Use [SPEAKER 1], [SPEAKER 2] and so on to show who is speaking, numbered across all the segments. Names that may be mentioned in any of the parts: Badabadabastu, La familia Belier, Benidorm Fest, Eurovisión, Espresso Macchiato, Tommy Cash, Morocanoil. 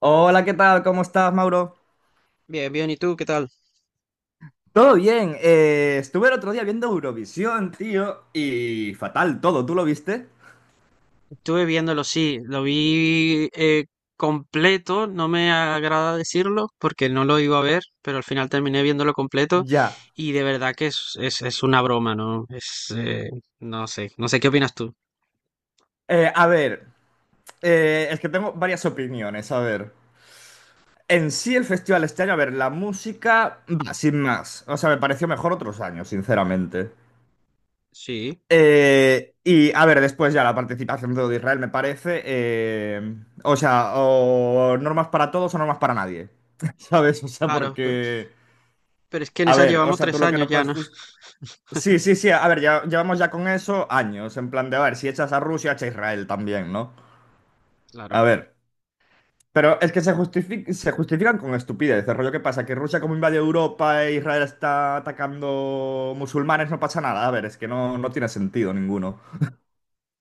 [SPEAKER 1] Hola, ¿qué tal? ¿Cómo estás, Mauro?
[SPEAKER 2] Bien, bien, ¿y tú qué tal?
[SPEAKER 1] Todo bien. Estuve el otro día viendo Eurovisión, tío, y fatal todo. ¿Tú lo viste?
[SPEAKER 2] Estuve viéndolo, sí, lo vi completo. No me agrada decirlo porque no lo iba a ver, pero al final terminé viéndolo completo,
[SPEAKER 1] Ya.
[SPEAKER 2] y de verdad que es una broma, ¿no? No sé, no sé qué opinas tú.
[SPEAKER 1] Eh, a ver, es que tengo varias opiniones. A ver, en sí el festival este año, a ver, la música, bah, sin más. O sea, me pareció mejor otros años, sinceramente.
[SPEAKER 2] Sí.
[SPEAKER 1] Y a ver, después ya la participación de Israel me parece, o sea, o normas para todos o normas para nadie. ¿Sabes? O sea,
[SPEAKER 2] Claro,
[SPEAKER 1] porque...
[SPEAKER 2] pero es que en
[SPEAKER 1] A
[SPEAKER 2] esa
[SPEAKER 1] ver, o
[SPEAKER 2] llevamos
[SPEAKER 1] sea, tú
[SPEAKER 2] tres
[SPEAKER 1] lo que
[SPEAKER 2] años
[SPEAKER 1] no
[SPEAKER 2] ya,
[SPEAKER 1] puedes
[SPEAKER 2] ¿no?
[SPEAKER 1] Sí, sí, sí, a ver, ya llevamos ya con eso años, en plan de, a ver, si echas a Rusia, echa a Israel también, ¿no? A
[SPEAKER 2] Claro.
[SPEAKER 1] ver, pero es que se se justifican con estupidez, el rollo que pasa, que Rusia como invade Europa e Israel está atacando musulmanes, no pasa nada, a ver, es que no, no tiene sentido ninguno.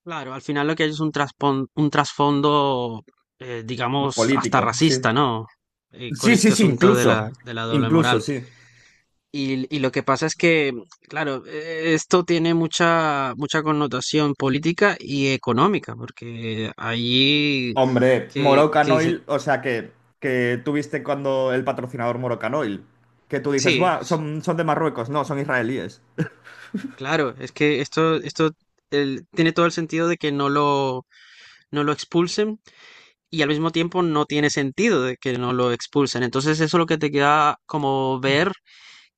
[SPEAKER 2] Claro, al final lo que hay es un un trasfondo, digamos, hasta
[SPEAKER 1] Político, sí.
[SPEAKER 2] racista, ¿no? Con
[SPEAKER 1] Sí, sí,
[SPEAKER 2] este
[SPEAKER 1] sí,
[SPEAKER 2] asunto de la,
[SPEAKER 1] incluso,
[SPEAKER 2] de la doble
[SPEAKER 1] incluso,
[SPEAKER 2] moral.
[SPEAKER 1] sí.
[SPEAKER 2] Y lo que pasa es que, claro, esto tiene mucha connotación política y económica, porque allí
[SPEAKER 1] Hombre,
[SPEAKER 2] que dice,
[SPEAKER 1] Morocanoil, o sea que tuviste cuando el patrocinador Morocanoil, que tú dices,
[SPEAKER 2] sí,
[SPEAKER 1] "Buah,
[SPEAKER 2] sí,
[SPEAKER 1] son, son de Marruecos, no, son israelíes."
[SPEAKER 2] claro, es que esto tiene todo el sentido de que no lo expulsen, y al mismo tiempo no tiene sentido de que no lo expulsen. Entonces eso es lo que te queda como ver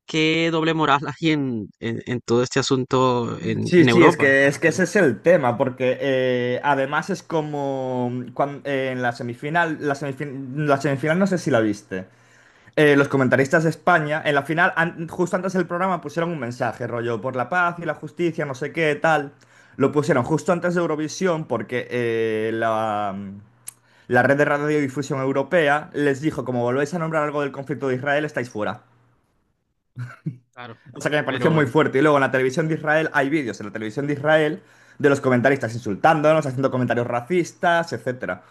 [SPEAKER 2] qué doble moral hay en todo este asunto en,
[SPEAKER 1] Sí,
[SPEAKER 2] en
[SPEAKER 1] sí,
[SPEAKER 2] Europa.
[SPEAKER 1] es
[SPEAKER 2] Ah,
[SPEAKER 1] que ese es el tema, porque además es como en la semifinal, la semifinal no sé si la viste. Los comentaristas de España, en la final, justo antes del programa, pusieron un mensaje, rollo, por la paz y la justicia, no sé qué, tal. Lo pusieron justo antes de Eurovisión porque la red de radiodifusión europea les dijo, como volvéis a nombrar algo del conflicto de Israel, estáis fuera.
[SPEAKER 2] claro,
[SPEAKER 1] O sea que me
[SPEAKER 2] pero
[SPEAKER 1] pareció muy
[SPEAKER 2] bueno,
[SPEAKER 1] fuerte. Y luego en la televisión de Israel hay vídeos en la televisión de Israel de los comentaristas insultándonos, haciendo comentarios racistas, etcétera.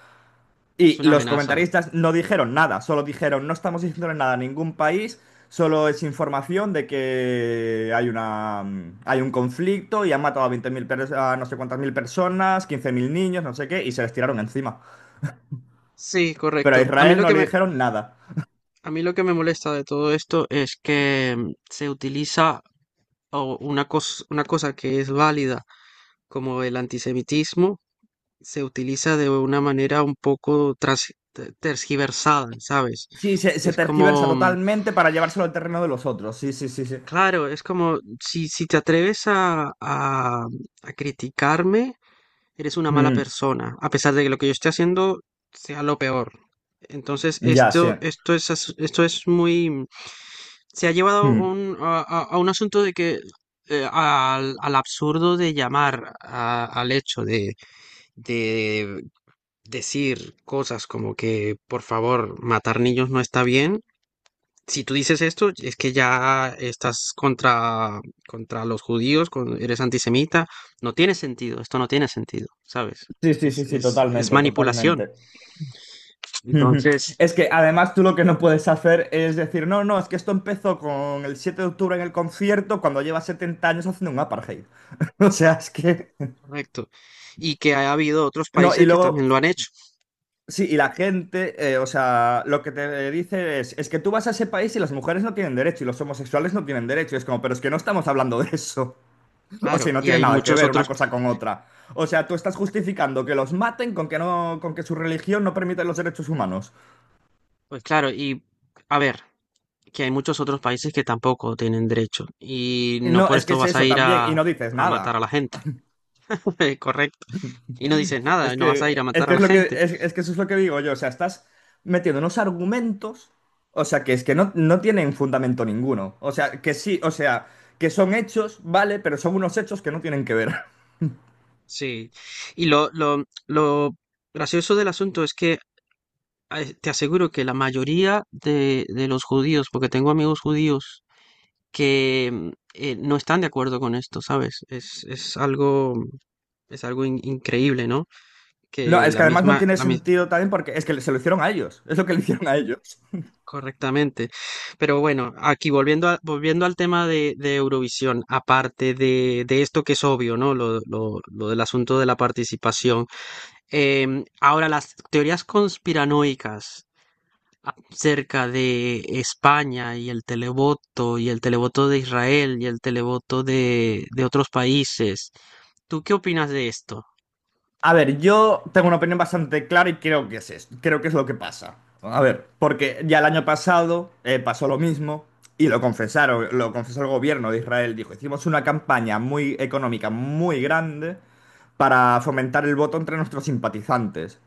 [SPEAKER 2] es
[SPEAKER 1] Y
[SPEAKER 2] una
[SPEAKER 1] los
[SPEAKER 2] amenaza.
[SPEAKER 1] comentaristas no dijeron nada, solo dijeron, no estamos diciéndole nada a ningún país, solo es información de que hay, una, hay un conflicto y han matado a 20.000 a no sé cuántas mil personas, 15.000 niños, no sé qué, y se les tiraron encima.
[SPEAKER 2] Sí,
[SPEAKER 1] Pero a
[SPEAKER 2] correcto.
[SPEAKER 1] Israel no le dijeron nada.
[SPEAKER 2] A mí lo que me molesta de todo esto es que mm, se utiliza o una cosa que es válida, como el antisemitismo, se utiliza de una manera un poco tergiversada, ¿sabes?
[SPEAKER 1] Sí, se
[SPEAKER 2] Es
[SPEAKER 1] tergiversa
[SPEAKER 2] como, mm,
[SPEAKER 1] totalmente para llevárselo al terreno de los otros. Sí, sí, sí, sí.
[SPEAKER 2] claro, es como si, si te atreves a criticarme, eres una mala
[SPEAKER 1] Mm,
[SPEAKER 2] persona, a pesar de que lo que yo esté haciendo sea lo peor. Entonces,
[SPEAKER 1] ya, sí.
[SPEAKER 2] esto es muy... Se ha llevado
[SPEAKER 1] Mm.
[SPEAKER 2] a un asunto de que al absurdo de llamar al hecho de decir cosas como que, por favor, matar niños no está bien. Si tú dices esto, es que ya estás contra los judíos, eres antisemita. No tiene sentido, esto no tiene sentido, ¿sabes?
[SPEAKER 1] Sí, sí,
[SPEAKER 2] Es,
[SPEAKER 1] sí, sí,
[SPEAKER 2] es, es
[SPEAKER 1] totalmente,
[SPEAKER 2] manipulación.
[SPEAKER 1] totalmente. Ujú.
[SPEAKER 2] Entonces,
[SPEAKER 1] Es que además tú lo que no puedes hacer es decir, no, no, es que esto empezó con el 7 de octubre en el concierto cuando lleva 70 años haciendo un apartheid. O sea, es que...
[SPEAKER 2] correcto. Y que ha habido otros
[SPEAKER 1] No, y
[SPEAKER 2] países que
[SPEAKER 1] luego,
[SPEAKER 2] también lo han hecho.
[SPEAKER 1] sí, y la gente, o sea, lo que te dice es que tú vas a ese país y las mujeres no tienen derecho y los homosexuales no tienen derecho. Y es como, pero es que no estamos hablando de eso. O
[SPEAKER 2] Claro,
[SPEAKER 1] sea, no
[SPEAKER 2] y
[SPEAKER 1] tiene
[SPEAKER 2] hay
[SPEAKER 1] nada que
[SPEAKER 2] muchos
[SPEAKER 1] ver una
[SPEAKER 2] otros.
[SPEAKER 1] cosa con otra. O sea, tú estás justificando que los maten con que no, con que su religión no permite los derechos humanos.
[SPEAKER 2] Pues claro, y a ver, que hay muchos otros países que tampoco tienen derecho, y
[SPEAKER 1] Y
[SPEAKER 2] no
[SPEAKER 1] no,
[SPEAKER 2] por
[SPEAKER 1] es que
[SPEAKER 2] esto
[SPEAKER 1] es
[SPEAKER 2] vas a
[SPEAKER 1] eso
[SPEAKER 2] ir
[SPEAKER 1] también, y no dices
[SPEAKER 2] a matar a
[SPEAKER 1] nada.
[SPEAKER 2] la gente, correcto. Y no dices
[SPEAKER 1] Es
[SPEAKER 2] nada, no vas a ir a
[SPEAKER 1] que, es
[SPEAKER 2] matar a
[SPEAKER 1] que
[SPEAKER 2] la
[SPEAKER 1] es lo que,
[SPEAKER 2] gente.
[SPEAKER 1] es que eso es lo que digo yo. O sea, estás metiendo unos argumentos, o sea, que es que no, no tienen fundamento ninguno. O sea, que sí, o sea, que son hechos, vale, pero son unos hechos que no tienen que ver.
[SPEAKER 2] Sí. Y lo gracioso del asunto es que te aseguro que la mayoría de los judíos, porque tengo amigos judíos que mm, no están de acuerdo con esto, ¿sabes? Es algo increíble, ¿no?
[SPEAKER 1] No,
[SPEAKER 2] Que
[SPEAKER 1] es
[SPEAKER 2] la
[SPEAKER 1] que además no
[SPEAKER 2] misma,
[SPEAKER 1] tiene
[SPEAKER 2] la, mi-
[SPEAKER 1] sentido también porque es que se lo hicieron a ellos. Es lo que le hicieron a ellos.
[SPEAKER 2] correctamente. Pero bueno, aquí volviendo al tema de Eurovisión, aparte de esto que es obvio, ¿no? Lo, lo del asunto de la participación. Em, ahora, las teorías conspiranoicas acerca de España y el televoto de Israel y el televoto de otros países. ¿Tú qué opinas de esto?
[SPEAKER 1] A ver, yo tengo una opinión bastante clara y creo que es esto, creo que es lo que pasa. A ver, porque ya el año pasado pasó lo mismo y lo confesaron, lo confesó el gobierno de Israel. Dijo, hicimos una campaña muy económica, muy grande para fomentar el voto entre nuestros simpatizantes.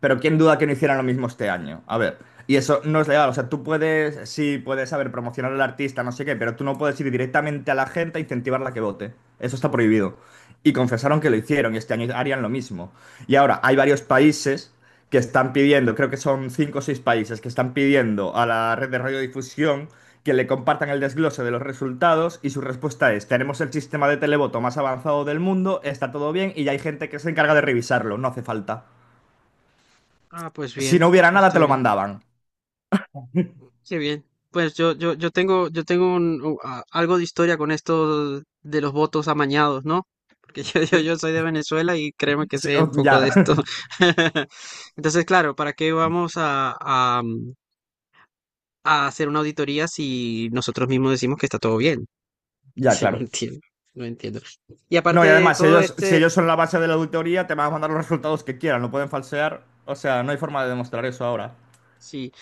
[SPEAKER 1] Pero quién duda que no hicieran lo mismo este año. A ver, y eso no es legal. O sea, tú puedes, sí, puedes, a ver, promocionar al artista, no sé qué, pero tú no puedes ir directamente a la gente e incentivarla a que vote. Eso está prohibido y confesaron que lo hicieron y este año harían lo mismo. Y ahora hay varios países que están pidiendo, creo que son 5 o 6 países que están pidiendo a la red de radiodifusión que le compartan el desglose de los resultados y su respuesta es, tenemos el sistema de televoto más avanzado del mundo, está todo bien y ya hay gente que se encarga de revisarlo, no hace falta.
[SPEAKER 2] Ah, pues
[SPEAKER 1] Si
[SPEAKER 2] bien,
[SPEAKER 1] no hubiera nada, te
[SPEAKER 2] está
[SPEAKER 1] lo
[SPEAKER 2] bien.
[SPEAKER 1] mandaban.
[SPEAKER 2] Qué bien. Pues yo tengo, yo tengo algo de historia con esto de los votos amañados, ¿no? Porque yo, yo,
[SPEAKER 1] Sí.
[SPEAKER 2] yo soy de Venezuela y créeme que
[SPEAKER 1] Sí,
[SPEAKER 2] sé
[SPEAKER 1] oh,
[SPEAKER 2] un poco
[SPEAKER 1] ya,
[SPEAKER 2] de esto. Entonces, claro, ¿para qué vamos a hacer una auditoría si nosotros mismos decimos que está todo bien?
[SPEAKER 1] ya,
[SPEAKER 2] Entonces, no
[SPEAKER 1] claro.
[SPEAKER 2] entiendo, no entiendo. Y
[SPEAKER 1] No,
[SPEAKER 2] aparte
[SPEAKER 1] y
[SPEAKER 2] de
[SPEAKER 1] además, si
[SPEAKER 2] todo
[SPEAKER 1] ellos, si
[SPEAKER 2] este,
[SPEAKER 1] ellos son la base de la auditoría, te van a mandar los resultados que quieran, no pueden falsear. O sea, no hay forma de demostrar eso ahora.
[SPEAKER 2] sí.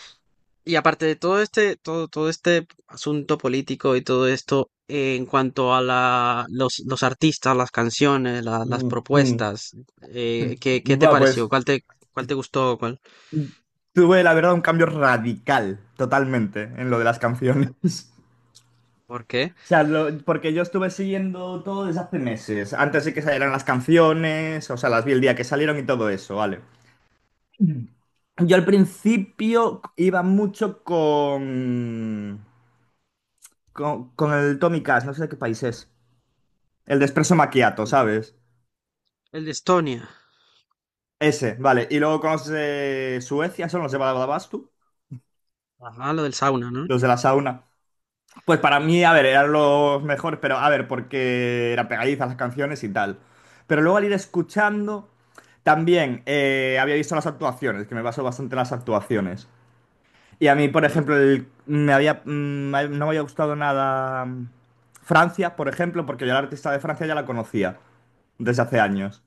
[SPEAKER 2] Y aparte de todo este asunto político y todo esto, en cuanto a la, los artistas, las canciones, las
[SPEAKER 1] Ujú.
[SPEAKER 2] propuestas, ¿qué, qué te
[SPEAKER 1] Va,
[SPEAKER 2] pareció?
[SPEAKER 1] pues
[SPEAKER 2] Cuál te gustó? ¿Cuál?
[SPEAKER 1] tuve la verdad un cambio radical totalmente en lo de las canciones.
[SPEAKER 2] ¿Por qué?
[SPEAKER 1] O sea, porque yo estuve siguiendo todo desde hace meses. Antes de que salieran las canciones, o sea, las vi el día que salieron y todo eso, ¿vale? Yo al principio iba mucho con, con el Tommy Cash, no sé de qué país es. El de Espresso Macchiato,
[SPEAKER 2] Sí.
[SPEAKER 1] ¿sabes?
[SPEAKER 2] El de Estonia.
[SPEAKER 1] Ese, vale. Y luego con los de Suecia, son los de Badabadabastu,
[SPEAKER 2] Ajá, lo del sauna, ¿no?
[SPEAKER 1] los de la sauna. Pues para mí, a ver, eran los mejores, pero a ver, porque eran pegadizas las canciones y tal. Pero luego al ir escuchando, también había visto las actuaciones, que me basó bastante en las actuaciones. Y a mí, por
[SPEAKER 2] Ajá.
[SPEAKER 1] ejemplo, el- me había, mm, me- no me había gustado nada Francia, por ejemplo, porque yo la artista de Francia ya la conocía desde hace años.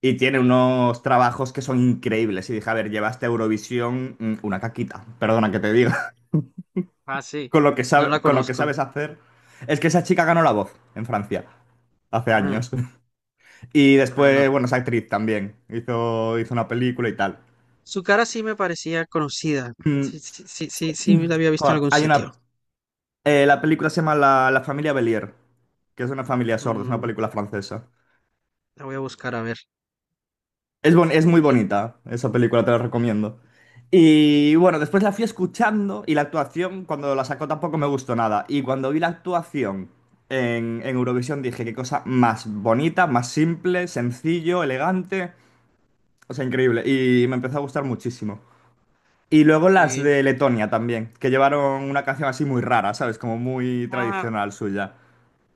[SPEAKER 1] Y tiene unos trabajos que son increíbles. Y dije, a ver, llevaste a este Eurovisión una caquita, perdona que te diga
[SPEAKER 2] Ah, sí.
[SPEAKER 1] con lo que
[SPEAKER 2] No la
[SPEAKER 1] con lo que
[SPEAKER 2] conozco.
[SPEAKER 1] sabes hacer. Es que esa chica ganó La Voz en Francia hace
[SPEAKER 2] Ah,
[SPEAKER 1] años. Y
[SPEAKER 2] ah, no.
[SPEAKER 1] después, bueno, es actriz también. Hizo, hizo una película y tal.
[SPEAKER 2] Su cara sí me parecía conocida. Sí,
[SPEAKER 1] Mm,
[SPEAKER 2] sí, sí, sí, sí, me la había visto en
[SPEAKER 1] joder,
[SPEAKER 2] algún
[SPEAKER 1] hay
[SPEAKER 2] sitio.
[SPEAKER 1] una. Eh, la película se llama La familia Belier, que es una familia sorda, es una
[SPEAKER 2] Mm,
[SPEAKER 1] película francesa.
[SPEAKER 2] la voy a buscar a ver.
[SPEAKER 1] Es, es muy
[SPEAKER 2] Y,
[SPEAKER 1] bonita, esa película te la recomiendo. Y bueno, después la fui escuchando y la actuación cuando la sacó tampoco me gustó nada. Y cuando vi la actuación en Eurovisión dije, qué cosa más bonita, más simple, sencillo, elegante. O sea, increíble. Y me empezó a gustar muchísimo. Y luego
[SPEAKER 2] qué
[SPEAKER 1] las
[SPEAKER 2] bien.
[SPEAKER 1] de Letonia también, que llevaron una canción así muy rara, ¿sabes? Como muy
[SPEAKER 2] Ah,
[SPEAKER 1] tradicional suya.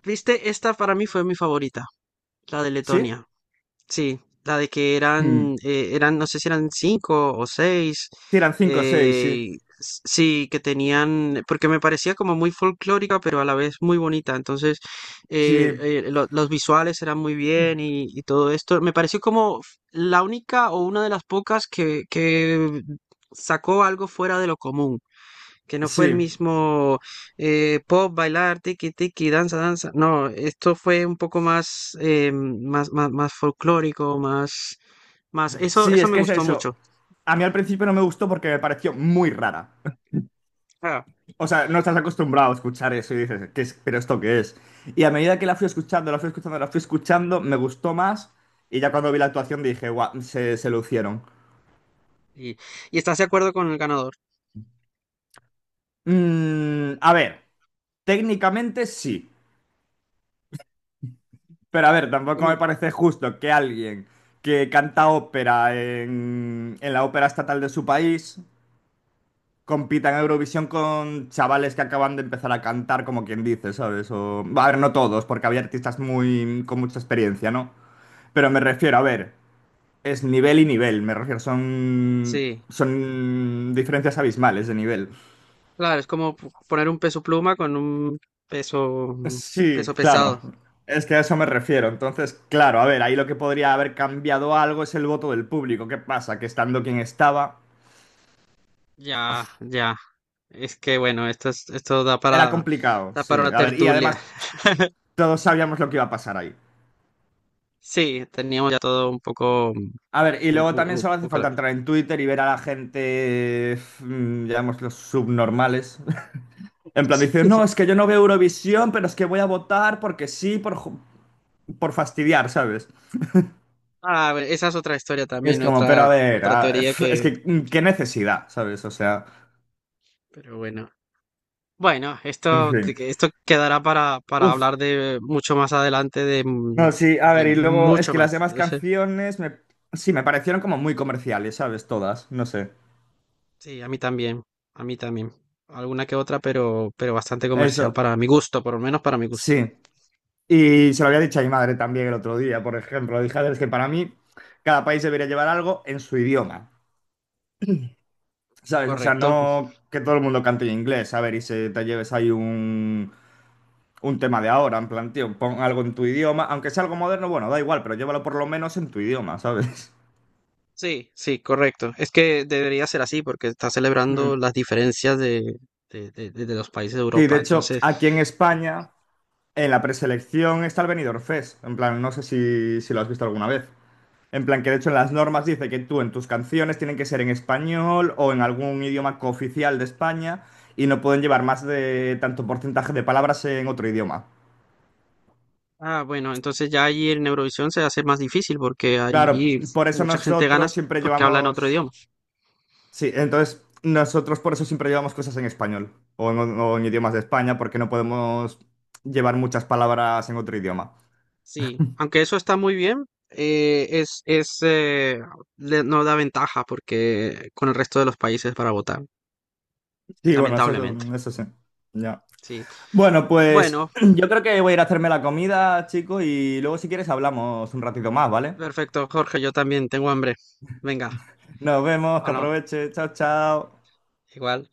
[SPEAKER 2] viste, esta para mí fue mi favorita, la de
[SPEAKER 1] ¿Sí?
[SPEAKER 2] Letonia. Sí, la de que eran,
[SPEAKER 1] Mm.
[SPEAKER 2] eran, no sé si eran cinco o seis.
[SPEAKER 1] Sí, eran 5 o 6, sí.
[SPEAKER 2] Eh, sí, que tenían, porque me parecía como muy folclórica, pero a la vez muy bonita. Entonces,
[SPEAKER 1] Sí,
[SPEAKER 2] los visuales eran muy bien y todo esto. Me pareció como la única o una de las pocas que sacó algo fuera de lo común, que no fue el
[SPEAKER 1] sí.
[SPEAKER 2] mismo pop, bailar, tiki tiki, danza, danza. No, esto fue un poco más, más folclórico, más. Eso,
[SPEAKER 1] Sí,
[SPEAKER 2] eso
[SPEAKER 1] es
[SPEAKER 2] me
[SPEAKER 1] que es
[SPEAKER 2] gustó
[SPEAKER 1] eso.
[SPEAKER 2] mucho.
[SPEAKER 1] A mí al principio no me gustó porque me pareció muy rara.
[SPEAKER 2] Ah,
[SPEAKER 1] O sea, no estás acostumbrado a escuchar eso y dices, ¿qué es? ¿Pero esto qué es? Y a medida que la fui escuchando, la fui escuchando, la fui escuchando, me gustó más. Y ya cuando vi la actuación dije, guau, se lucieron.
[SPEAKER 2] y, y estás de acuerdo con el ganador.
[SPEAKER 1] Mm, a ver, técnicamente sí. Pero a ver, tampoco me
[SPEAKER 2] En-
[SPEAKER 1] parece justo que alguien que canta ópera en la ópera estatal de su país compitan en Eurovisión con chavales que acaban de empezar a cantar, como quien dice, ¿sabes? O, a ver, no todos, porque había artistas muy con mucha experiencia, ¿no? Pero me refiero, a ver, es nivel y nivel, me refiero,
[SPEAKER 2] sí,
[SPEAKER 1] son diferencias abismales de nivel.
[SPEAKER 2] claro, es como poner un peso pluma con un peso, peso
[SPEAKER 1] Sí, claro.
[SPEAKER 2] pesado.
[SPEAKER 1] Es que a eso me refiero. Entonces, claro, a ver, ahí lo que podría haber cambiado algo es el voto del público. ¿Qué pasa? Que estando quien estaba,
[SPEAKER 2] Ya, ya. Es que bueno, esto es, esto da
[SPEAKER 1] era
[SPEAKER 2] para,
[SPEAKER 1] complicado,
[SPEAKER 2] da
[SPEAKER 1] sí.
[SPEAKER 2] para una
[SPEAKER 1] A ver, y
[SPEAKER 2] tertulia.
[SPEAKER 1] además todos sabíamos lo que iba a pasar ahí.
[SPEAKER 2] Sí, teníamos ya todo un poco, un,
[SPEAKER 1] A ver, y luego también
[SPEAKER 2] un
[SPEAKER 1] solo hace
[SPEAKER 2] poco la...
[SPEAKER 1] falta entrar en Twitter y ver a la gente, digamos, los subnormales. En plan, dicen, no, es que yo no veo Eurovisión, pero es que voy a votar porque sí, por, por fastidiar, ¿sabes?
[SPEAKER 2] Ah, bueno, esa es otra historia
[SPEAKER 1] Y es
[SPEAKER 2] también,
[SPEAKER 1] como, pero a
[SPEAKER 2] otra,
[SPEAKER 1] ver,
[SPEAKER 2] otra teoría
[SPEAKER 1] es
[SPEAKER 2] que,
[SPEAKER 1] que qué necesidad, ¿sabes? O sea,
[SPEAKER 2] pero bueno. Bueno,
[SPEAKER 1] en
[SPEAKER 2] esto,
[SPEAKER 1] fin.
[SPEAKER 2] esto quedará para
[SPEAKER 1] Uf,
[SPEAKER 2] hablar de mucho más adelante, de, m-
[SPEAKER 1] no, sí, a
[SPEAKER 2] de
[SPEAKER 1] ver, y luego es
[SPEAKER 2] mucho
[SPEAKER 1] que las
[SPEAKER 2] más.
[SPEAKER 1] demás canciones sí, me parecieron como muy comerciales, ¿sabes? Todas, no sé.
[SPEAKER 2] Sí, a mí también, a mí también. Alguna que otra, pero bastante comercial
[SPEAKER 1] Eso,
[SPEAKER 2] para mi gusto, por lo menos para mi gusto.
[SPEAKER 1] sí. Y se lo
[SPEAKER 2] Sí,
[SPEAKER 1] había dicho a mi madre también el otro día, por ejemplo. Dije, a ver, es que para mí cada país debería llevar algo en su idioma, ¿sabes? O sea,
[SPEAKER 2] correcto.
[SPEAKER 1] no que todo el mundo cante en inglés, a ver, y se te lleves ahí un tema de ahora, en plan, tío, pon algo en tu idioma, aunque sea algo moderno, bueno, da igual, pero llévalo por lo menos en tu idioma, ¿sabes?
[SPEAKER 2] Sí, sí, correcto. Es que debería ser así porque está celebrando
[SPEAKER 1] Mm.
[SPEAKER 2] las diferencias de, de los países de
[SPEAKER 1] Sí, de
[SPEAKER 2] Europa.
[SPEAKER 1] hecho,
[SPEAKER 2] Entonces,
[SPEAKER 1] aquí en
[SPEAKER 2] que-
[SPEAKER 1] España, en la preselección está el Benidorm Fest, en plan, no sé si, si lo has visto alguna vez. En plan, que de hecho en las normas dice que tú en tus canciones tienen que ser en español o en algún idioma cooficial de España y no pueden llevar más de tanto porcentaje de palabras en otro idioma.
[SPEAKER 2] ah, bueno, entonces ya allí en Eurovisión se hace más difícil porque
[SPEAKER 1] Claro,
[SPEAKER 2] allí
[SPEAKER 1] por eso
[SPEAKER 2] mucha gente gana
[SPEAKER 1] nosotros siempre
[SPEAKER 2] porque hablan otro
[SPEAKER 1] llevamos...
[SPEAKER 2] idioma.
[SPEAKER 1] Sí, entonces nosotros por eso siempre llevamos cosas en español o en idiomas de España porque no podemos llevar muchas palabras en otro idioma.
[SPEAKER 2] Sí, aunque eso está muy bien, es le- no da ventaja porque con el resto de los países para votar,
[SPEAKER 1] Sí, bueno, eso,
[SPEAKER 2] lamentablemente.
[SPEAKER 1] eso sí. Ya.
[SPEAKER 2] Sí.
[SPEAKER 1] Bueno, pues
[SPEAKER 2] Bueno,
[SPEAKER 1] yo creo que voy a ir a hacerme la comida, chico, y luego si quieres hablamos un ratito más, ¿vale?
[SPEAKER 2] perfecto, Jorge, yo también tengo hambre. Venga,
[SPEAKER 1] Nos vemos, que
[SPEAKER 2] habla-
[SPEAKER 1] aproveche. Chao, chao.
[SPEAKER 2] igual.